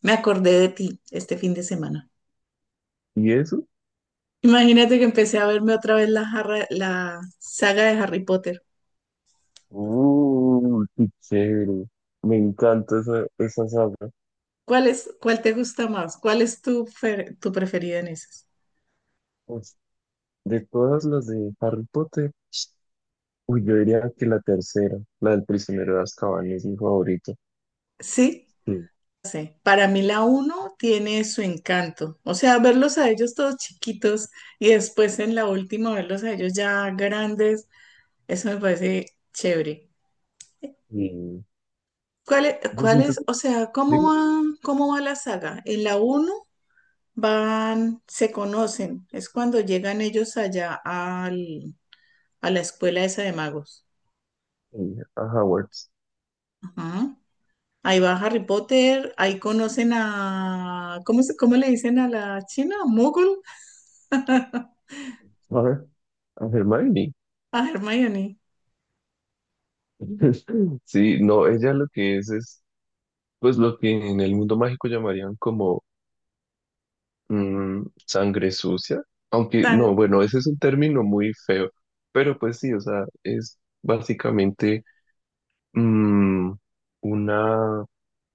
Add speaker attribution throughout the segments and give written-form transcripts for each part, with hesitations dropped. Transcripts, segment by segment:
Speaker 1: Me acordé de ti este fin de semana.
Speaker 2: ¿Y eso?
Speaker 1: Imagínate que empecé a verme otra vez la saga de Harry Potter.
Speaker 2: ¡Uh, qué chévere! Me encanta esa saga.
Speaker 1: ¿Cuál es, cuál te gusta más? ¿Cuál es tu preferida en esas?
Speaker 2: Pues, de todas las de Harry Potter, uy, yo diría que la tercera, la del prisionero de Azkaban, es mi favorita.
Speaker 1: Sí,
Speaker 2: Sí.
Speaker 1: sí. Para mí la uno tiene su encanto. O sea, verlos a ellos todos chiquitos y después en la última verlos a ellos ya grandes, eso me parece chévere.
Speaker 2: Y yo
Speaker 1: Cuál es,
Speaker 2: siento,
Speaker 1: o sea,
Speaker 2: digo,
Speaker 1: cómo va la saga? ¿En la uno van, se conocen. Es cuando llegan ellos a la escuela esa de magos.
Speaker 2: a Howard,
Speaker 1: Ajá. Ahí va Harry Potter, ahí conocen a, ¿cómo, cómo le dicen a la china? ¿Mogul?
Speaker 2: a ver, a Hermione.
Speaker 1: A Hermione.
Speaker 2: Sí, no, ella lo que es, pues lo que en el mundo mágico llamarían como sangre sucia, aunque no,
Speaker 1: Tan
Speaker 2: bueno, ese es un término muy feo, pero pues sí, o sea, es básicamente mm, una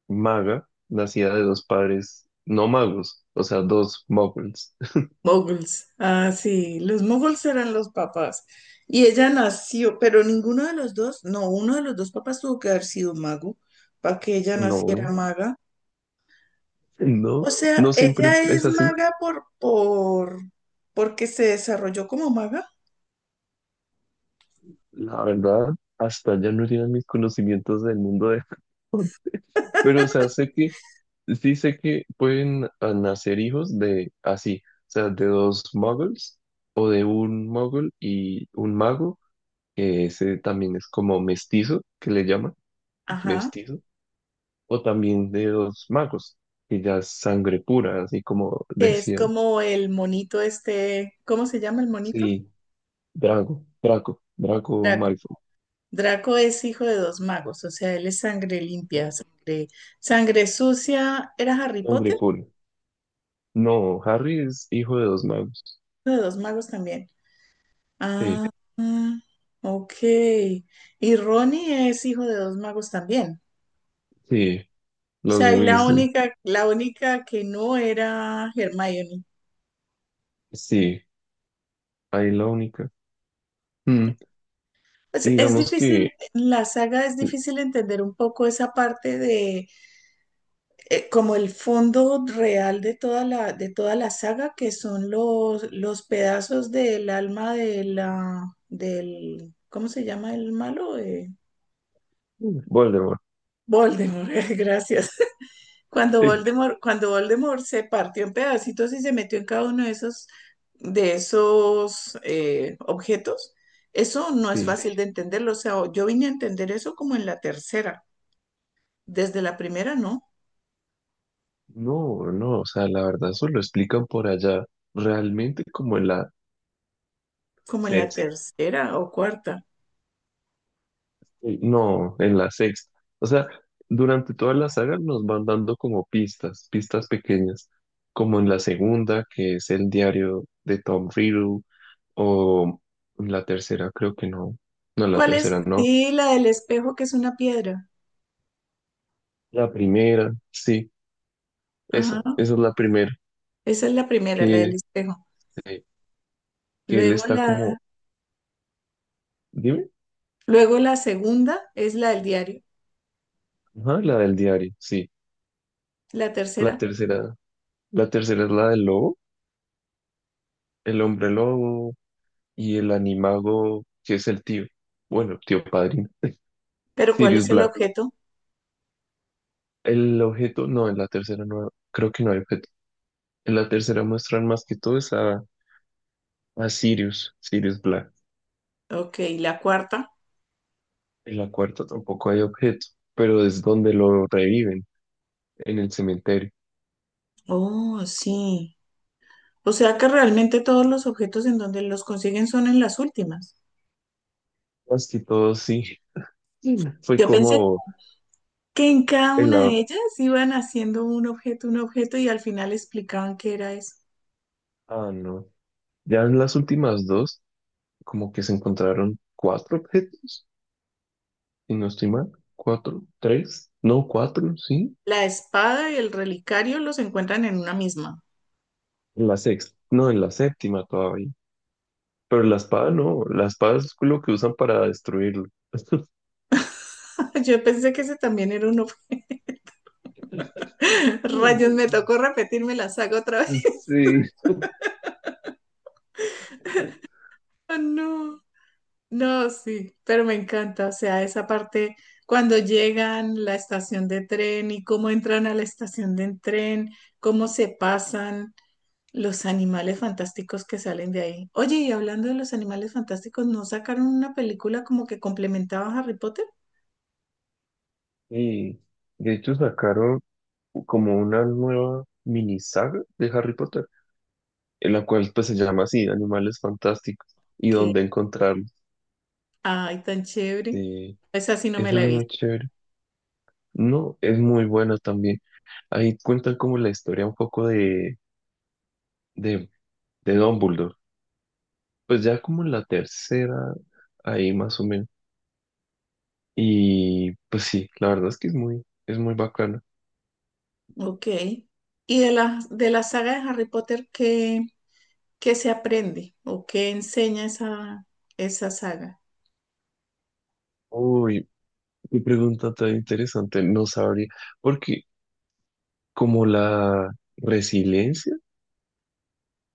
Speaker 2: maga nacida de dos padres no magos, o sea, dos muggles.
Speaker 1: moguls. Ah, sí, los moguls eran los papás. Y ella nació, pero ninguno de los dos, no, uno de los dos papás tuvo que haber sido mago para que ella naciera
Speaker 2: No,
Speaker 1: maga. O
Speaker 2: no,
Speaker 1: sea,
Speaker 2: no siempre
Speaker 1: ella
Speaker 2: es
Speaker 1: es
Speaker 2: así,
Speaker 1: maga porque se desarrolló como maga.
Speaker 2: la verdad, hasta ya no llegan mis conocimientos del mundo. Pero, o sea, sé que, sí sé que pueden nacer hijos de así, o sea, de dos muggles o de un muggle y un mago, que ese también es como mestizo, que le llaman
Speaker 1: Ajá.
Speaker 2: mestizo, o también de dos magos, que ya es sangre pura, así como
Speaker 1: Que es
Speaker 2: decían.
Speaker 1: como el monito este, ¿cómo se llama el monito?
Speaker 2: Sí, Draco
Speaker 1: Draco.
Speaker 2: Malfoy,
Speaker 1: Draco es hijo de dos magos, o sea, él es sangre limpia,
Speaker 2: ¿no?
Speaker 1: sangre, sangre sucia. ¿Era Harry
Speaker 2: Sangre
Speaker 1: Potter?
Speaker 2: pura. No, Harry es hijo de dos magos.
Speaker 1: Hijo de dos magos también.
Speaker 2: Sí,
Speaker 1: Ah, ah, ok. Y Ronnie es hijo de dos magos también.
Speaker 2: sí,
Speaker 1: O
Speaker 2: los
Speaker 1: sea, y
Speaker 2: Weasley,
Speaker 1: la única que no era Hermione.
Speaker 2: sí, ahí la única. Mm. Y
Speaker 1: Es
Speaker 2: digamos que
Speaker 1: difícil, en la saga es
Speaker 2: eh,
Speaker 1: difícil entender un poco esa parte de como el fondo real de de toda la saga, que son los pedazos del alma de del, ¿cómo se llama el malo?
Speaker 2: Voldemort.
Speaker 1: Voldemort, gracias.
Speaker 2: Sí,
Speaker 1: Cuando Voldemort se partió en pedacitos y se metió en cada uno de esos objetos, eso no es Sí.
Speaker 2: sí.
Speaker 1: fácil de entenderlo. O sea, yo vine a entender eso como en la tercera. Desde la primera, no,
Speaker 2: No, no, o sea, la verdad, eso lo explican por allá, realmente como en la
Speaker 1: como en la
Speaker 2: sexta.
Speaker 1: tercera o cuarta.
Speaker 2: Sí. No, en la sexta. O sea, durante toda la saga nos van dando como pistas, pistas pequeñas, como en la segunda, que es el diario de Tom Riddle, o en la tercera, creo que no. No, en la
Speaker 1: ¿Cuál es?
Speaker 2: tercera no.
Speaker 1: Sí, la del espejo, que es una piedra.
Speaker 2: La primera, sí, esa,
Speaker 1: Ajá.
Speaker 2: esa es la primera,
Speaker 1: Esa es la primera, la del
Speaker 2: que,
Speaker 1: espejo.
Speaker 2: eh, que él
Speaker 1: Luego
Speaker 2: está como,
Speaker 1: la,
Speaker 2: dime.
Speaker 1: luego la segunda es la del diario.
Speaker 2: Ajá, la del diario, sí.
Speaker 1: La
Speaker 2: La
Speaker 1: tercera.
Speaker 2: tercera, la tercera es la del lobo, el hombre lobo y el animago, que es el tío. Bueno, tío padrino.
Speaker 1: Pero ¿cuál
Speaker 2: Sirius
Speaker 1: es el
Speaker 2: Black.
Speaker 1: objeto?
Speaker 2: El objeto, no, en la tercera no, creo que no hay objeto. En la tercera muestran más que todo es a Sirius Black.
Speaker 1: Ok, la cuarta.
Speaker 2: En la cuarta tampoco hay objeto, pero es donde lo reviven, en el cementerio.
Speaker 1: Oh, sí. O sea que realmente todos los objetos en donde los consiguen son en las últimas.
Speaker 2: Más que todo, sí. Fue
Speaker 1: Yo pensé
Speaker 2: como
Speaker 1: que en cada
Speaker 2: en
Speaker 1: una
Speaker 2: la.
Speaker 1: de ellas iban haciendo un objeto y al final explicaban qué era eso.
Speaker 2: Ah, no. Ya en las últimas dos. Como que se encontraron cuatro objetos, y no estoy mal, cuatro, tres, no, cuatro, sí,
Speaker 1: La espada y el relicario los encuentran en una misma.
Speaker 2: en la sexta, no, en la séptima todavía, pero la espada no, la espada es lo que usan para destruirlo.
Speaker 1: Yo pensé que ese también era uno. Rayos, me tocó repetirme la saga otra vez.
Speaker 2: Sí.
Speaker 1: Ah, no, no, sí, pero me encanta. O sea, esa parte cuando llegan a la estación de tren y cómo entran a la estación de tren, cómo se pasan los animales fantásticos que salen de ahí. Oye, y hablando de los animales fantásticos, ¿no sacaron una película como que complementaba a Harry Potter?
Speaker 2: Y de hecho sacaron como una nueva mini saga de Harry Potter, en la cual pues se llama así, Animales Fantásticos, y
Speaker 1: Que,
Speaker 2: donde encontrarlos.
Speaker 1: ay, tan chévere.
Speaker 2: Sí,
Speaker 1: Esa sí no me
Speaker 2: eso es
Speaker 1: la he
Speaker 2: muy
Speaker 1: visto.
Speaker 2: chévere. No, es muy bueno también. Ahí cuentan como la historia un poco de, de Dumbledore. Pues ya como en la tercera, ahí más o menos. Y pues sí, la verdad es que es muy, bacana.
Speaker 1: Ok. Y de de la saga de Harry Potter, ¿qué, qué se aprende o qué enseña esa saga?
Speaker 2: Uy, qué pregunta tan interesante. No sabría, porque como la resiliencia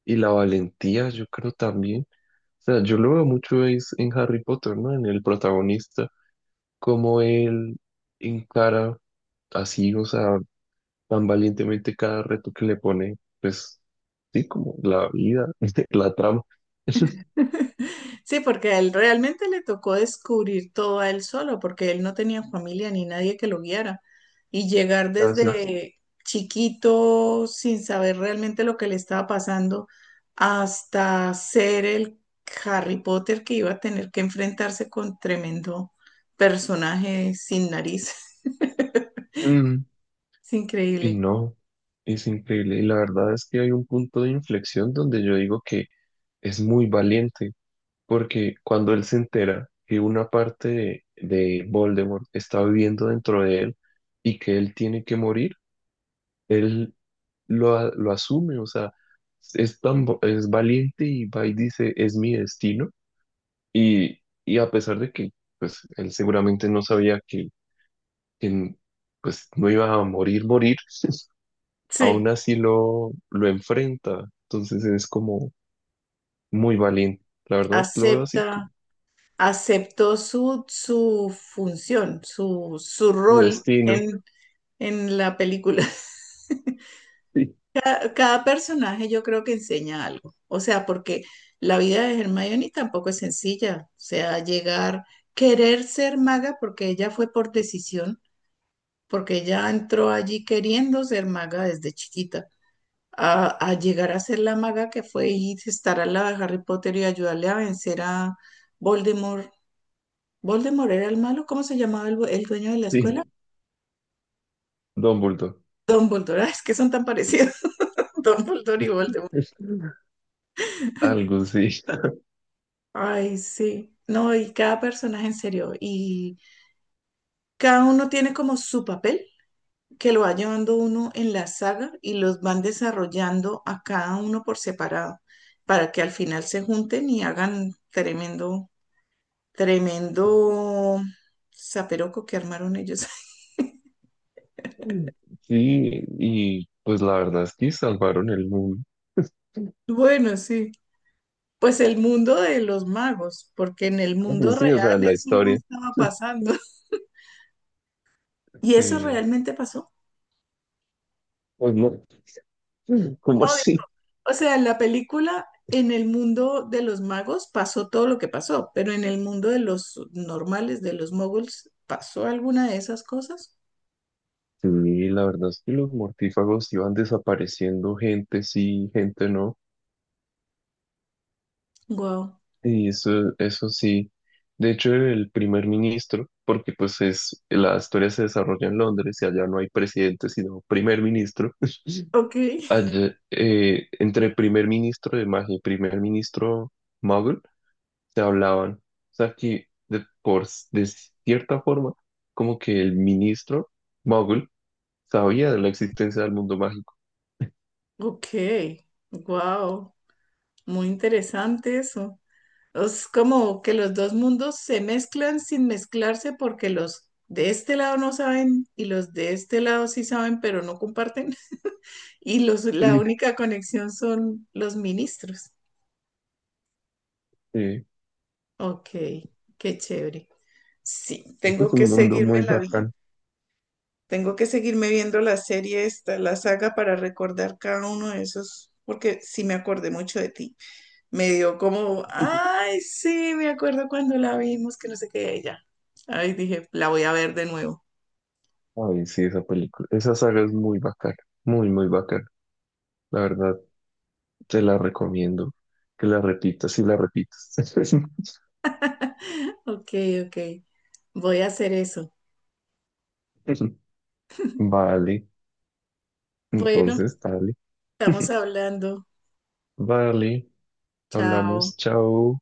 Speaker 2: y la valentía, yo creo también. O sea, yo lo veo mucho es en Harry Potter, ¿no? En el protagonista, como él encara así, o sea, tan valientemente cada reto que le pone, pues sí, como la vida, la trama,
Speaker 1: Sí, porque a él realmente le tocó descubrir todo a él solo, porque él no tenía familia ni nadie que lo guiara. Y llegar
Speaker 2: casi.
Speaker 1: desde chiquito sin saber realmente lo que le estaba pasando hasta ser el Harry Potter que iba a tener que enfrentarse con tremendo personaje sin nariz.
Speaker 2: Mm,
Speaker 1: Es
Speaker 2: Y
Speaker 1: increíble.
Speaker 2: no, es increíble. Y la verdad es que hay un punto de inflexión donde yo digo que es muy valiente, porque cuando él se entera que una parte de Voldemort está viviendo dentro de él y que él tiene que morir, él lo asume, o sea, es valiente y va y dice, es mi destino. Y a pesar de que pues, él seguramente no sabía que, pues, no iba a morir, morir,
Speaker 1: Sí,
Speaker 2: aún así lo enfrenta. Entonces es como muy valiente. La verdad, lo veo así
Speaker 1: acepta,
Speaker 2: como
Speaker 1: aceptó su función, su
Speaker 2: su
Speaker 1: rol
Speaker 2: destino.
Speaker 1: en la película.
Speaker 2: Sí,
Speaker 1: Cada personaje yo creo que enseña algo. O sea, porque la vida de Hermione tampoco es sencilla. O sea, llegar, querer ser maga, porque ella fue por decisión, porque ella entró allí queriendo ser maga desde chiquita. A llegar a ser la maga que fue y estar al lado de Harry Potter y ayudarle a vencer a Voldemort. ¿Voldemort era el malo? ¿Cómo se llamaba el, el dueño de la escuela?
Speaker 2: sí. Dumbledore.
Speaker 1: Dumbledore. Ay, es que son tan parecidos. Dumbledore y Voldemort.
Speaker 2: Algo sí.
Speaker 1: Ay, sí. No, y cada personaje en serio. Y cada uno tiene como su papel que lo va llevando uno en la saga y los van desarrollando a cada uno por separado para que al final se junten y hagan tremendo, tremendo zaperoco que armaron ellos.
Speaker 2: Sí, y pues la verdad es que salvaron el mundo.
Speaker 1: Bueno, sí. Pues el mundo de los magos, porque en el mundo
Speaker 2: Pues sí, o sea,
Speaker 1: real
Speaker 2: la
Speaker 1: eso no
Speaker 2: historia.
Speaker 1: estaba pasando. ¿Y eso
Speaker 2: Sí.
Speaker 1: realmente pasó?
Speaker 2: Pues no. ¿Cómo
Speaker 1: No,
Speaker 2: así?
Speaker 1: o sea, en la película, en el mundo de los magos pasó todo lo que pasó, pero en el mundo de los normales, de los moguls, ¿pasó alguna de esas cosas?
Speaker 2: Sí, la verdad es que los mortífagos iban desapareciendo, gente sí, gente no,
Speaker 1: Wow.
Speaker 2: y eso sí. De hecho, el primer ministro, porque pues es, la historia se desarrolla en Londres y allá no hay presidente, sino primer ministro.
Speaker 1: Ok,
Speaker 2: Allá, entre primer ministro de magia y primer ministro muggle se hablaban. O sea que de cierta forma, como que el ministro muggle sabía de la existencia del mundo mágico.
Speaker 1: ok, wow. Muy interesante eso. Es como que los dos mundos se mezclan sin mezclarse porque los de este lado no saben y los de este lado sí saben, pero no comparten. Y los, la única conexión son los ministros. Ok, qué chévere. Sí,
Speaker 2: Este
Speaker 1: tengo
Speaker 2: es
Speaker 1: que
Speaker 2: un mundo muy bacán.
Speaker 1: tengo que seguirme viendo la serie esta, la saga para recordar cada uno de esos, porque sí me acordé mucho de ti. Me dio como, ay, sí, me acuerdo cuando la vimos, que no sé qué, ella. Ay, dije, la voy a ver de nuevo.
Speaker 2: Ay, sí, esa película, esa saga es muy bacana, muy, muy bacana. La verdad, te la recomiendo que la repitas y la repitas.
Speaker 1: Ok, ok, voy a hacer eso.
Speaker 2: Vale,
Speaker 1: Bueno,
Speaker 2: entonces, dale.
Speaker 1: estamos hablando.
Speaker 2: Vale,
Speaker 1: Chao.
Speaker 2: hablamos, chao.